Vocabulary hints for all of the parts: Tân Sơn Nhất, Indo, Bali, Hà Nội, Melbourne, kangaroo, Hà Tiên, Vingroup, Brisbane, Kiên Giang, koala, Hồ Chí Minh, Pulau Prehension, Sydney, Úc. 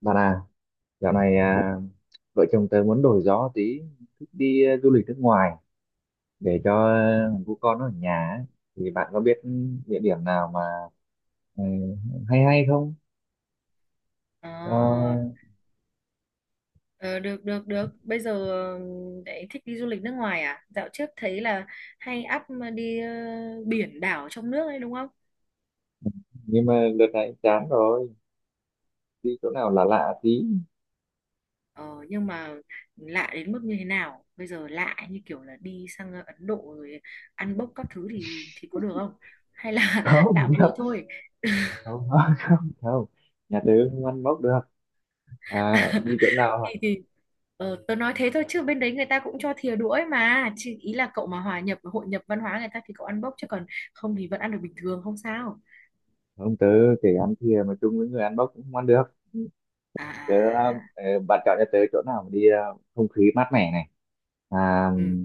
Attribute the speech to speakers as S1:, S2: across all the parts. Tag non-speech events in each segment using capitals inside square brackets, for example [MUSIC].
S1: Bạn à, dạo này vợ chồng tớ muốn đổi gió tí, thích đi du lịch nước ngoài để cho thằng cu con nó ở nhà ấy. Thì bạn có biết địa điểm nào mà ừ, hay hay không?
S2: Ờ,
S1: Cho-
S2: ờ, được được được. Bây giờ đấy thích đi du lịch nước ngoài à? Dạo trước thấy là hay up đi biển đảo trong nước đấy đúng không?
S1: nhưng mà đợt này chán rồi, đi chỗ nào lạ lạ tí.
S2: Ờ, nhưng mà lạ đến mức như thế nào? Bây giờ lạ như kiểu là đi sang Ấn Độ rồi ăn bốc các thứ thì có được không? Hay là [LAUGHS] lạ
S1: Không,
S2: vừa
S1: [LAUGHS]
S2: thôi?
S1: không, không, không. Nhà tớ không ăn bốc được. À, đi
S2: [LAUGHS]
S1: chỗ nào
S2: Thì
S1: à?
S2: thì ờ, tớ nói thế thôi chứ bên đấy người ta cũng cho thìa đũa ấy mà. Chỉ ý là cậu mà hòa nhập hội nhập văn hóa người ta thì cậu ăn bốc chứ còn không thì vẫn ăn được bình thường không sao.
S1: Không, tớ kể ăn thìa mà chung với người ăn bốc cũng không ăn được.
S2: À à à.
S1: Tớ,
S2: à.
S1: bạn chọn cho tớ chỗ nào mà đi không khí mát mẻ này. À,
S2: Ừ.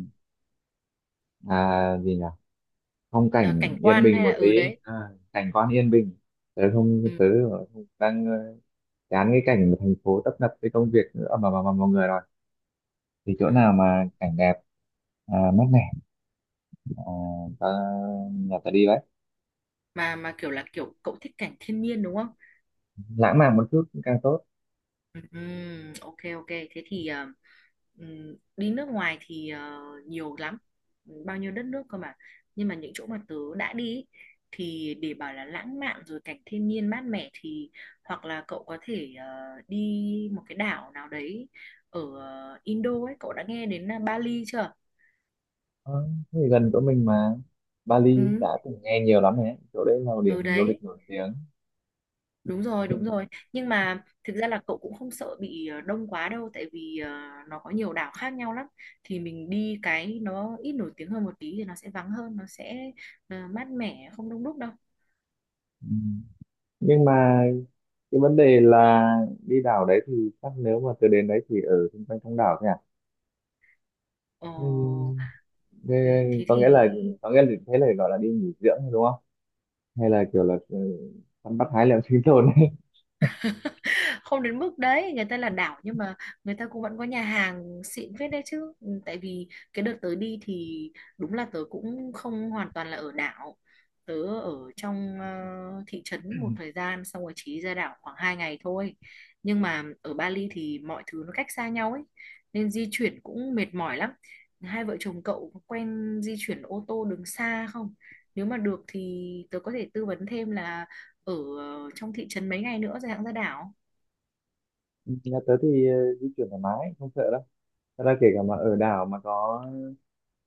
S1: gì nhỉ, phong
S2: À,
S1: cảnh
S2: cảnh
S1: yên
S2: quan
S1: bình
S2: hay là
S1: một tí,
S2: ừ đấy.
S1: à, cảnh quan yên bình.
S2: Ừ.
S1: Tớ không- đang ờ, Chán cái cảnh thành phố tấp nập với công việc nữa mà mọi người rồi thì chỗ
S2: À,
S1: nào mà cảnh đẹp, mát mẻ, à, ta, nhà ta đi đấy,
S2: mà kiểu là kiểu cậu thích cảnh thiên nhiên đúng không?
S1: lãng mạn một chút cũng càng tốt.
S2: Ừ. ừ, ok ok thế thì ừ, đi nước ngoài thì nhiều lắm. Ừ, bao nhiêu đất nước cơ mà, nhưng mà những chỗ mà tớ đã đi ý, thì để bảo là lãng mạn rồi cảnh thiên nhiên mát mẻ thì hoặc là cậu có thể đi một cái đảo nào đấy ở Indo ấy. Cậu đã nghe đến Bali chưa?
S1: Ờ, thế thì gần chỗ mình mà. Bali đã
S2: Ừ,
S1: từng nghe nhiều lắm rồi, đấy chỗ đấy là một
S2: ừ
S1: điểm du
S2: đấy.
S1: lịch nổi tiếng.
S2: Đúng rồi, đúng rồi. Nhưng mà thực ra là cậu cũng không sợ bị đông quá đâu, tại vì nó có nhiều đảo khác nhau lắm. Thì mình đi cái nó ít nổi tiếng hơn một tí thì nó sẽ vắng hơn, nó sẽ mát mẻ, không đông đúc đâu.
S1: Ừ, nhưng mà cái vấn đề là đi đảo đấy thì chắc nếu mà tớ đến đấy thì ở xung quanh trong đảo thôi à?
S2: Ờ,
S1: Ừ. Thế
S2: ừ, Thế
S1: có
S2: thì
S1: nghĩa là, có nghĩa là thế là gọi là đi nghỉ dưỡng đúng không? Hay là kiểu là săn bắt hái lượm sinh tồn ấy.
S2: không đến mức đấy, người ta là đảo nhưng mà người ta cũng vẫn có nhà hàng xịn phết đấy chứ. Ừ, tại vì cái đợt tới đi thì đúng là tớ cũng không hoàn toàn là ở đảo, tớ ở trong thị trấn một thời gian xong rồi chỉ ra đảo khoảng 2 ngày thôi. Nhưng mà ở Bali thì mọi thứ nó cách xa nhau ấy, nên di chuyển cũng mệt mỏi lắm. Hai vợ chồng cậu có quen di chuyển ô tô đường xa không? Nếu mà được thì tớ có thể tư vấn thêm là ở trong thị trấn mấy ngày nữa rồi hãng ra đảo.
S1: [LAUGHS] Nhà tớ thì di chuyển thoải mái, không sợ đâu. Thật ra kể cả mà ở đảo mà có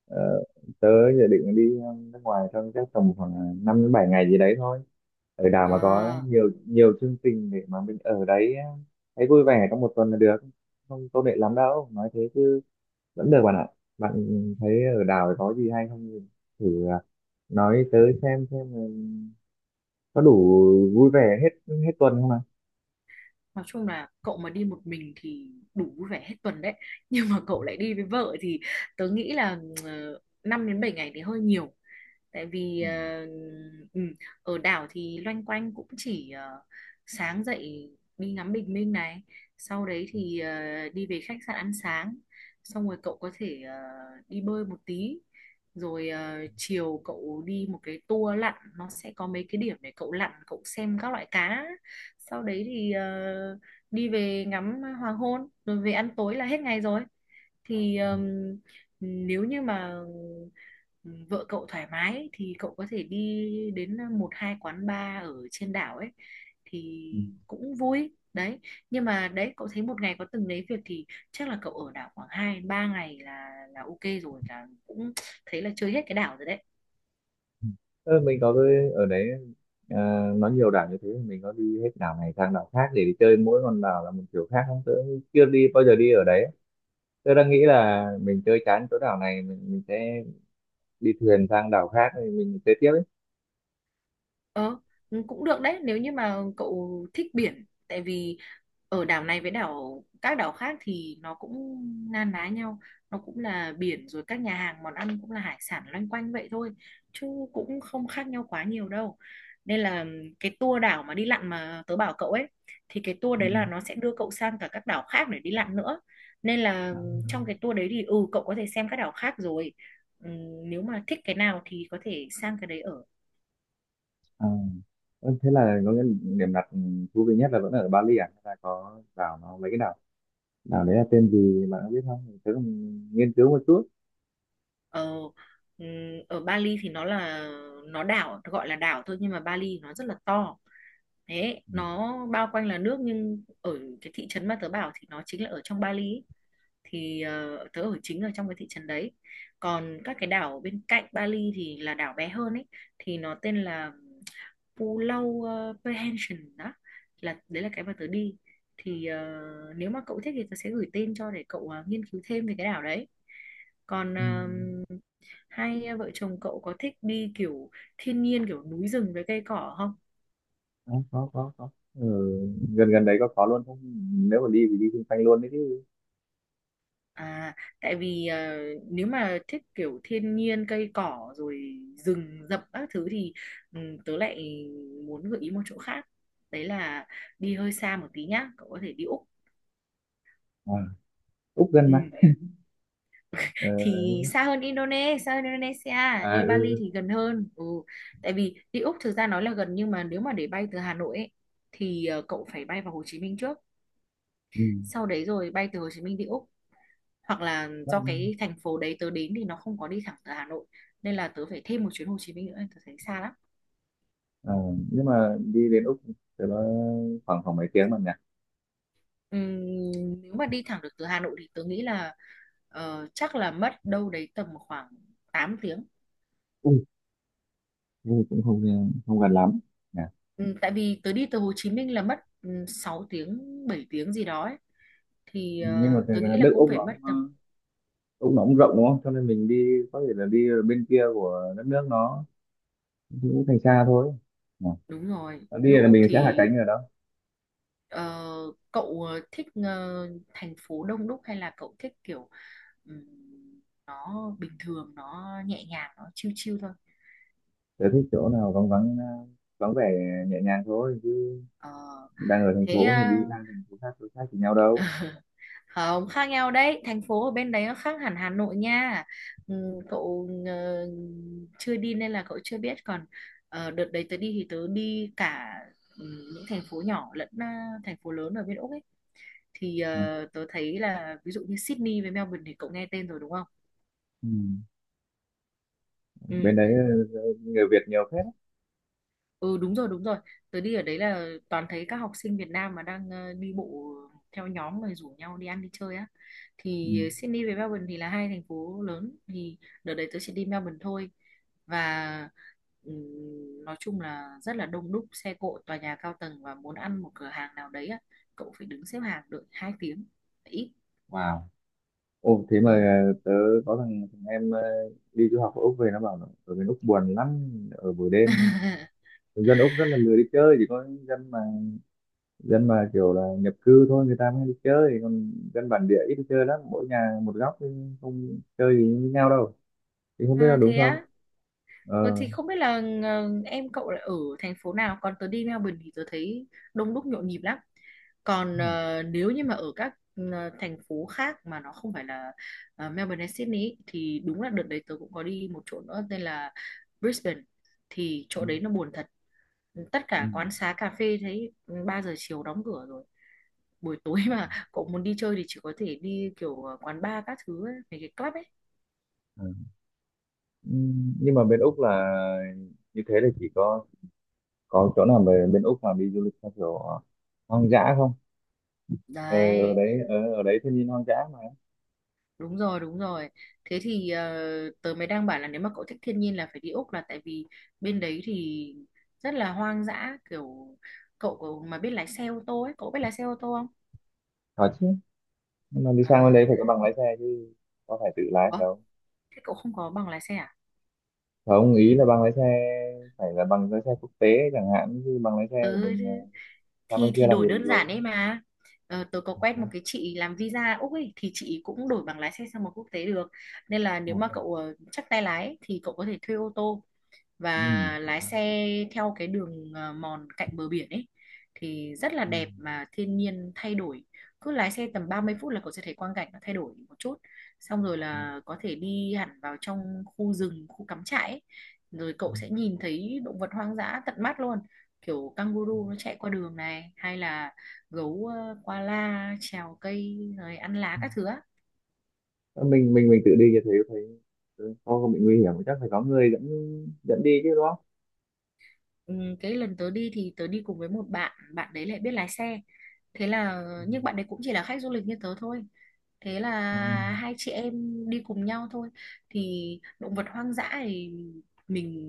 S1: ờ, tớ dự định đi nước ngoài trong các tầm khoảng 5 đến 7 ngày gì đấy thôi. Ở đảo mà có
S2: À,
S1: nhiều nhiều chương trình để mà mình ở đấy thấy vui vẻ trong 1 tuần là được. Không công nghệ lắm đâu, nói thế chứ vẫn được bạn ạ. Bạn thấy ở đảo có gì hay không? Thì thử nói tới xem có đủ vui vẻ hết hết tuần không ạ?
S2: nói chung là cậu mà đi một mình thì đủ vui vẻ hết tuần đấy. [LAUGHS] Nhưng mà cậu lại đi với vợ thì tớ nghĩ là 5 đến 7 ngày thì hơi nhiều. Tại vì
S1: Ừ.
S2: ừ, ở đảo thì loanh quanh cũng chỉ sáng dậy đi ngắm bình minh này, sau đấy thì đi về khách sạn ăn sáng, xong rồi cậu có thể đi bơi một tí, rồi chiều cậu đi một cái tour lặn, nó sẽ có mấy cái điểm để cậu lặn, cậu xem các loại cá, sau đấy thì đi về ngắm hoàng hôn rồi về ăn tối là hết ngày rồi. Thì Nếu như mà vợ cậu thoải mái thì cậu có thể đi đến một hai quán bar ở trên đảo ấy thì
S1: Ừ.
S2: cũng vui đấy. Nhưng mà đấy, cậu thấy một ngày có từng đấy việc thì chắc là cậu ở đảo khoảng hai ba ngày là ok rồi, là cũng thấy là chơi hết cái đảo rồi đấy.
S1: Ừ, mình có cái ở đấy, à, nó nhiều đảo như thế mình có đi hết đảo này sang đảo khác để đi chơi, mỗi con đảo là một kiểu khác không? Tớ chưa đi bao giờ, đi ở đấy tớ đang nghĩ là mình chơi chán chỗ đảo này mình sẽ đi thuyền sang đảo khác thì mình chơi tiếp ấy.
S2: Ờ, Cũng được đấy nếu như mà cậu thích biển. Tại vì ở đảo này với các đảo khác thì nó cũng na ná nhau, nó cũng là biển rồi, các nhà hàng món ăn cũng là hải sản loanh quanh vậy thôi, chứ cũng không khác nhau quá nhiều đâu. Nên là cái tour đảo mà đi lặn mà tớ bảo cậu ấy, thì cái tour
S1: Ừ.
S2: đấy là nó sẽ đưa cậu sang cả các đảo khác để đi lặn nữa, nên là trong cái tour đấy thì ừ cậu có thể xem các đảo khác rồi. Ừ, nếu mà thích cái nào thì có thể sang cái đấy ở.
S1: À, ừ, thế là có cái điểm đặt thú vị nhất là vẫn ở Bali, à hay là có đảo, nó mấy cái đảo, đảo đấy là tên gì bạn có biết không, tớ cũng nghiên cứu một chút.
S2: Ờ, ừm, Ở Bali thì nó đảo, gọi là đảo thôi nhưng mà Bali nó rất là to, thế
S1: Ừ.
S2: nó bao quanh là nước, nhưng ở cái thị trấn mà tớ bảo thì nó chính là ở trong Bali ấy. Thì tớ ở chính ở trong cái thị trấn đấy, còn các cái đảo bên cạnh Bali thì là đảo bé hơn ấy, thì nó tên là Pulau Prehension đó, là đấy là cái mà tớ đi. Thì nếu mà cậu thích thì tớ sẽ gửi tên cho để cậu nghiên cứu thêm về cái đảo đấy. còn
S1: Ừ.
S2: ờ, Hai à, vợ chồng cậu có thích đi kiểu thiên nhiên, kiểu núi rừng với cây cỏ không?
S1: Có có, ừ, gần gần đấy có luôn không, nếu mà đi thì đi xung quanh luôn đấy chứ.
S2: À, tại vì nếu mà thích kiểu thiên nhiên cây cỏ rồi rừng rậm các thứ thì ừ, tớ lại muốn gợi ý một chỗ khác. Đấy là đi hơi xa một tí nhá, cậu có thể đi Úc.
S1: À, Úc gần mà.
S2: Ừ.
S1: Ờ.
S2: Thì xa hơn Indonesia,
S1: À
S2: đi Bali
S1: ừ.
S2: thì gần hơn. Ừ. Tại vì đi Úc thực ra nói là gần, nhưng mà nếu mà để bay từ Hà Nội ấy, thì cậu phải bay vào Hồ Chí Minh trước,
S1: Ừ.
S2: sau đấy rồi bay từ Hồ Chí Minh đi Úc, hoặc là do
S1: Bắc-
S2: cái thành phố đấy tớ đến thì nó không có đi thẳng từ Hà Nội, nên là tớ phải thêm một chuyến Hồ Chí Minh nữa, tớ thấy xa lắm.
S1: ờ, nhưng mà đi đến Úc thì nó khoảng khoảng mấy tiếng mà nhỉ?
S2: Ừm, nếu mà đi thẳng được từ Hà Nội thì tớ nghĩ là chắc là mất đâu đấy tầm khoảng 8 tiếng.
S1: Ui, thế thì cũng không không gần lắm nhỉ.
S2: Tại vì tớ đi từ Hồ Chí Minh là mất 6 tiếng 7 tiếng gì đó ấy. Thì
S1: Nhưng mà thật
S2: tớ
S1: ra
S2: nghĩ là
S1: nước
S2: cũng
S1: Úc
S2: phải
S1: nó
S2: mất
S1: cũng,
S2: tầm
S1: Úc nó cũng rộng đúng không, cho nên mình đi có thể là đi ở bên kia của đất nước nó cũng thành xa thôi nhỉ?
S2: đúng rồi,
S1: Đi
S2: nước
S1: là
S2: Úc
S1: mình sẽ hạ
S2: thì.
S1: cánh ở đó.
S2: Ờ, Cậu thích thành phố đông đúc hay là cậu thích kiểu ừm, nó bình thường, nó nhẹ nhàng, nó chill chill thôi?
S1: Tớ thích chỗ nào vắng vắng, vắng vẻ, nhẹ nhàng thôi.
S2: Ờ,
S1: Đang ở thành
S2: Thế
S1: phố thì
S2: à,
S1: đi sang thành phố khác đối khác thì nhau đâu.
S2: không khác nhau đấy, thành phố ở bên đấy nó khác hẳn Hà Nội nha. Cậu chưa đi nên là cậu chưa biết, còn đợt đấy tớ đi thì tớ đi cả những thành phố nhỏ lẫn thành phố lớn ở bên Úc ấy. Thì
S1: Ừ.
S2: tớ thấy là ví dụ như Sydney với Melbourne thì cậu nghe tên rồi đúng không?
S1: Ừ.
S2: Ừ.
S1: Bên đấy người Việt nhiều phết á.
S2: Ừ đúng rồi đúng rồi. Tớ đi ở đấy là toàn thấy các học sinh Việt Nam mà đang đi bộ theo nhóm rồi rủ nhau đi ăn đi chơi á.
S1: Ừ.
S2: Thì Sydney với Melbourne thì là hai thành phố lớn. Thì đợt đấy tớ chỉ đi Melbourne thôi. Và nói chung là rất là đông đúc, xe cộ, tòa nhà cao tầng. Và muốn ăn một cửa hàng nào đấy á, cậu phải đứng xếp hàng đợi 2 tiếng ít.
S1: Wow. Ô thế mà
S2: Ừ.
S1: tớ có thằng em đi du học ở Úc về nó bảo là ở bên Úc buồn lắm ở buổi đêm,
S2: [LAUGHS]
S1: dân Úc rất là lười đi chơi, chỉ có dân mà kiểu là nhập cư thôi người ta mới đi chơi, còn dân bản địa ít đi chơi lắm, mỗi nhà một góc chứ không chơi gì với nhau đâu, thì không biết là
S2: À
S1: đúng
S2: thế
S1: không.
S2: á. Ờ,
S1: Ờ.
S2: thì không biết là em cậu là ở thành phố nào, còn tớ đi Melbourne thì tớ thấy đông đúc nhộn nhịp lắm.
S1: Thế
S2: Còn
S1: hả?
S2: nếu như mà ở các thành phố khác mà nó không phải là Melbourne hay Sydney ý, thì đúng là đợt đấy tớ cũng có đi một chỗ nữa tên là Brisbane, thì chỗ
S1: Ừ.
S2: đấy nó buồn thật, tất cả quán xá cà phê thấy 3 giờ chiều đóng cửa rồi. Buổi tối [LAUGHS] mà cậu muốn đi chơi thì chỉ có thể đi kiểu quán bar các thứ ấy, mấy cái club ấy
S1: Ừ. Nhưng mà bên Úc là như thế là chỉ có chỗ nào về bên Úc mà đi du lịch theo kiểu hoang dã không? Ờ, ở
S2: đấy.
S1: đấy, ở đấy thiên nhiên hoang dã mà.
S2: Đúng rồi, đúng rồi. Thế thì tớ mới đang bảo là nếu mà cậu thích thiên nhiên là phải đi Úc, là tại vì bên đấy thì rất là hoang dã, kiểu cậu mà biết lái xe ô tô ấy, cậu biết lái xe ô tô không?
S1: Có chứ, nhưng mà đi sang bên
S2: À,
S1: đấy phải có bằng lái xe chứ, có phải tự lái
S2: ủa,
S1: đâu.
S2: thế cậu không có bằng lái xe à?
S1: Không, ý là bằng lái xe phải là bằng lái xe quốc tế chẳng hạn, chứ bằng lái xe của
S2: Ừ,
S1: mình là sang
S2: thì
S1: bên
S2: thì
S1: kia làm
S2: đổi
S1: gì được
S2: đơn
S1: rồi.
S2: giản đấy mà. Ờ, tớ có quen một cái chị làm visa Úc ấy, thì chị cũng đổi bằng lái xe sang một quốc tế được. Nên là
S1: À,
S2: nếu mà
S1: thế à?
S2: cậu chắc tay lái ấy, thì cậu có thể thuê ô tô
S1: Ừm.
S2: và lái xe theo cái đường mòn cạnh bờ biển ấy, thì rất là đẹp
S1: Ừm.
S2: mà thiên nhiên thay đổi, cứ lái xe tầm 30 phút là cậu sẽ thấy quang cảnh nó thay đổi một chút, xong rồi
S1: Ừm.
S2: là có thể đi hẳn vào trong khu rừng, khu cắm trại ấy. Rồi cậu sẽ nhìn thấy động vật hoang dã tận mắt luôn, kiểu kangaroo nó chạy qua đường này, hay là gấu koala trèo cây rồi ăn lá
S1: Ừm.
S2: các thứ á.
S1: Ờ, mình tự đi như thế thấy không không bị nguy hiểm, chắc phải có người dẫn dẫn đi chứ đúng không?
S2: Ừ, cái lần tớ đi thì tớ đi cùng với một bạn, bạn đấy lại biết lái xe, thế là nhưng bạn đấy cũng chỉ là khách du lịch như tớ thôi, thế là
S1: Ừ.
S2: hai chị em đi cùng nhau thôi. Thì động vật hoang dã thì mình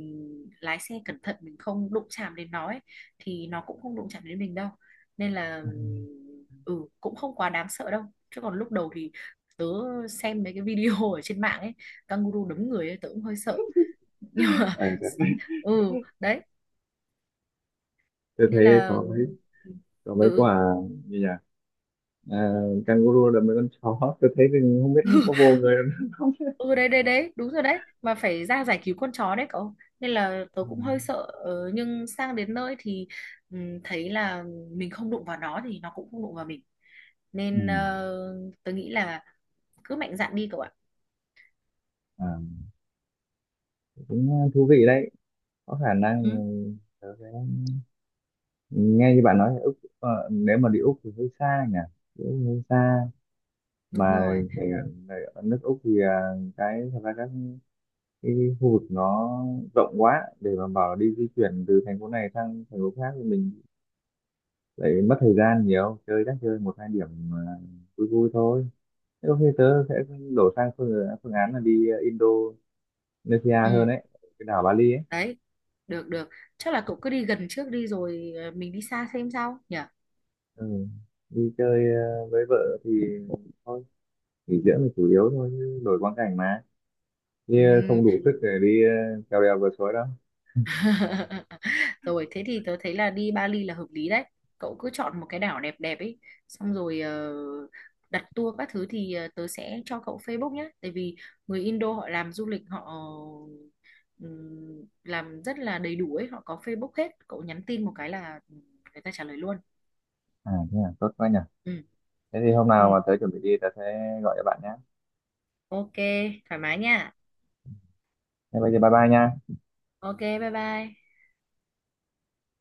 S2: lái xe cẩn thận, mình không đụng chạm đến nó ấy, thì nó cũng không đụng chạm đến mình đâu, nên là ừ cũng không quá đáng sợ đâu. Chứ còn lúc đầu thì tớ xem mấy cái video ở trên mạng ấy, kangaroo đấm người ấy, tớ cũng hơi sợ nhưng mà
S1: Ờ,
S2: [LAUGHS] ừ đấy,
S1: tôi thấy
S2: nên là
S1: có. Còn mấy
S2: ừ.
S1: quả như nhà, à, kangaroo là mấy con chó [LAUGHS] tôi thấy thì không biết nó có vô người nó không.
S2: Ừ đấy đấy đấy đúng rồi đấy, mà phải ra giải cứu con chó đấy cậu, nên là tớ
S1: Ừ.
S2: cũng hơi sợ. Ờ, nhưng sang đến nơi thì thấy là mình không đụng vào nó thì nó cũng không đụng vào mình,
S1: Ừ.
S2: nên tớ nghĩ là cứ mạnh dạn đi cậu ạ.
S1: À, cũng thú vị đấy, có khả năng
S2: Ừ,
S1: tớ sẽ, nghe như bạn nói là Úc, nếu mà đi Úc thì hơi xa nhỉ, đi Úc hơi xa
S2: đúng
S1: mà.
S2: rồi.
S1: cái- cái ở nước Úc thì, à, cái thật ra các cái khu vực nó rộng quá để mà bảo là đi di chuyển từ thành phố này sang thành phố khác thì mình lại mất thời gian nhiều chơi, chắc chơi một hai điểm, à, vui vui thôi. Thế ok, tớ sẽ đổ sang phương án là đi Indonesia
S2: Ừ
S1: hơn ấy, cái đảo Bali ấy.
S2: đấy, được được, chắc là cậu cứ đi gần trước đi rồi mình đi xa xem sao nhỉ.
S1: Ừ. Đi chơi với vợ thì thôi, nghỉ dưỡng là chủ yếu thôi, chứ đổi quang cảnh mà. Đi
S2: Ừ.
S1: không đủ sức để đi trèo đèo vượt suối đâu.
S2: [LAUGHS] Rồi thế thì tớ thấy là đi Bali là hợp lý đấy. Cậu cứ chọn một cái đảo đẹp đẹp ấy, xong rồi đặt tour các thứ thì tớ sẽ cho cậu Facebook nhé. Tại vì người Indo họ làm du lịch họ làm rất là đầy đủ ấy, họ có Facebook hết. Cậu nhắn tin một cái là người ta trả lời luôn.
S1: À, thế à, tốt quá nhỉ.
S2: Ừ,
S1: Thế thì hôm nào mà
S2: ừ.
S1: tớ chuẩn bị đi, tớ sẽ gọi cho bạn nhé.
S2: Ok, thoải mái nha.
S1: Thế bây giờ bye bye nha.
S2: Ok, bye bye.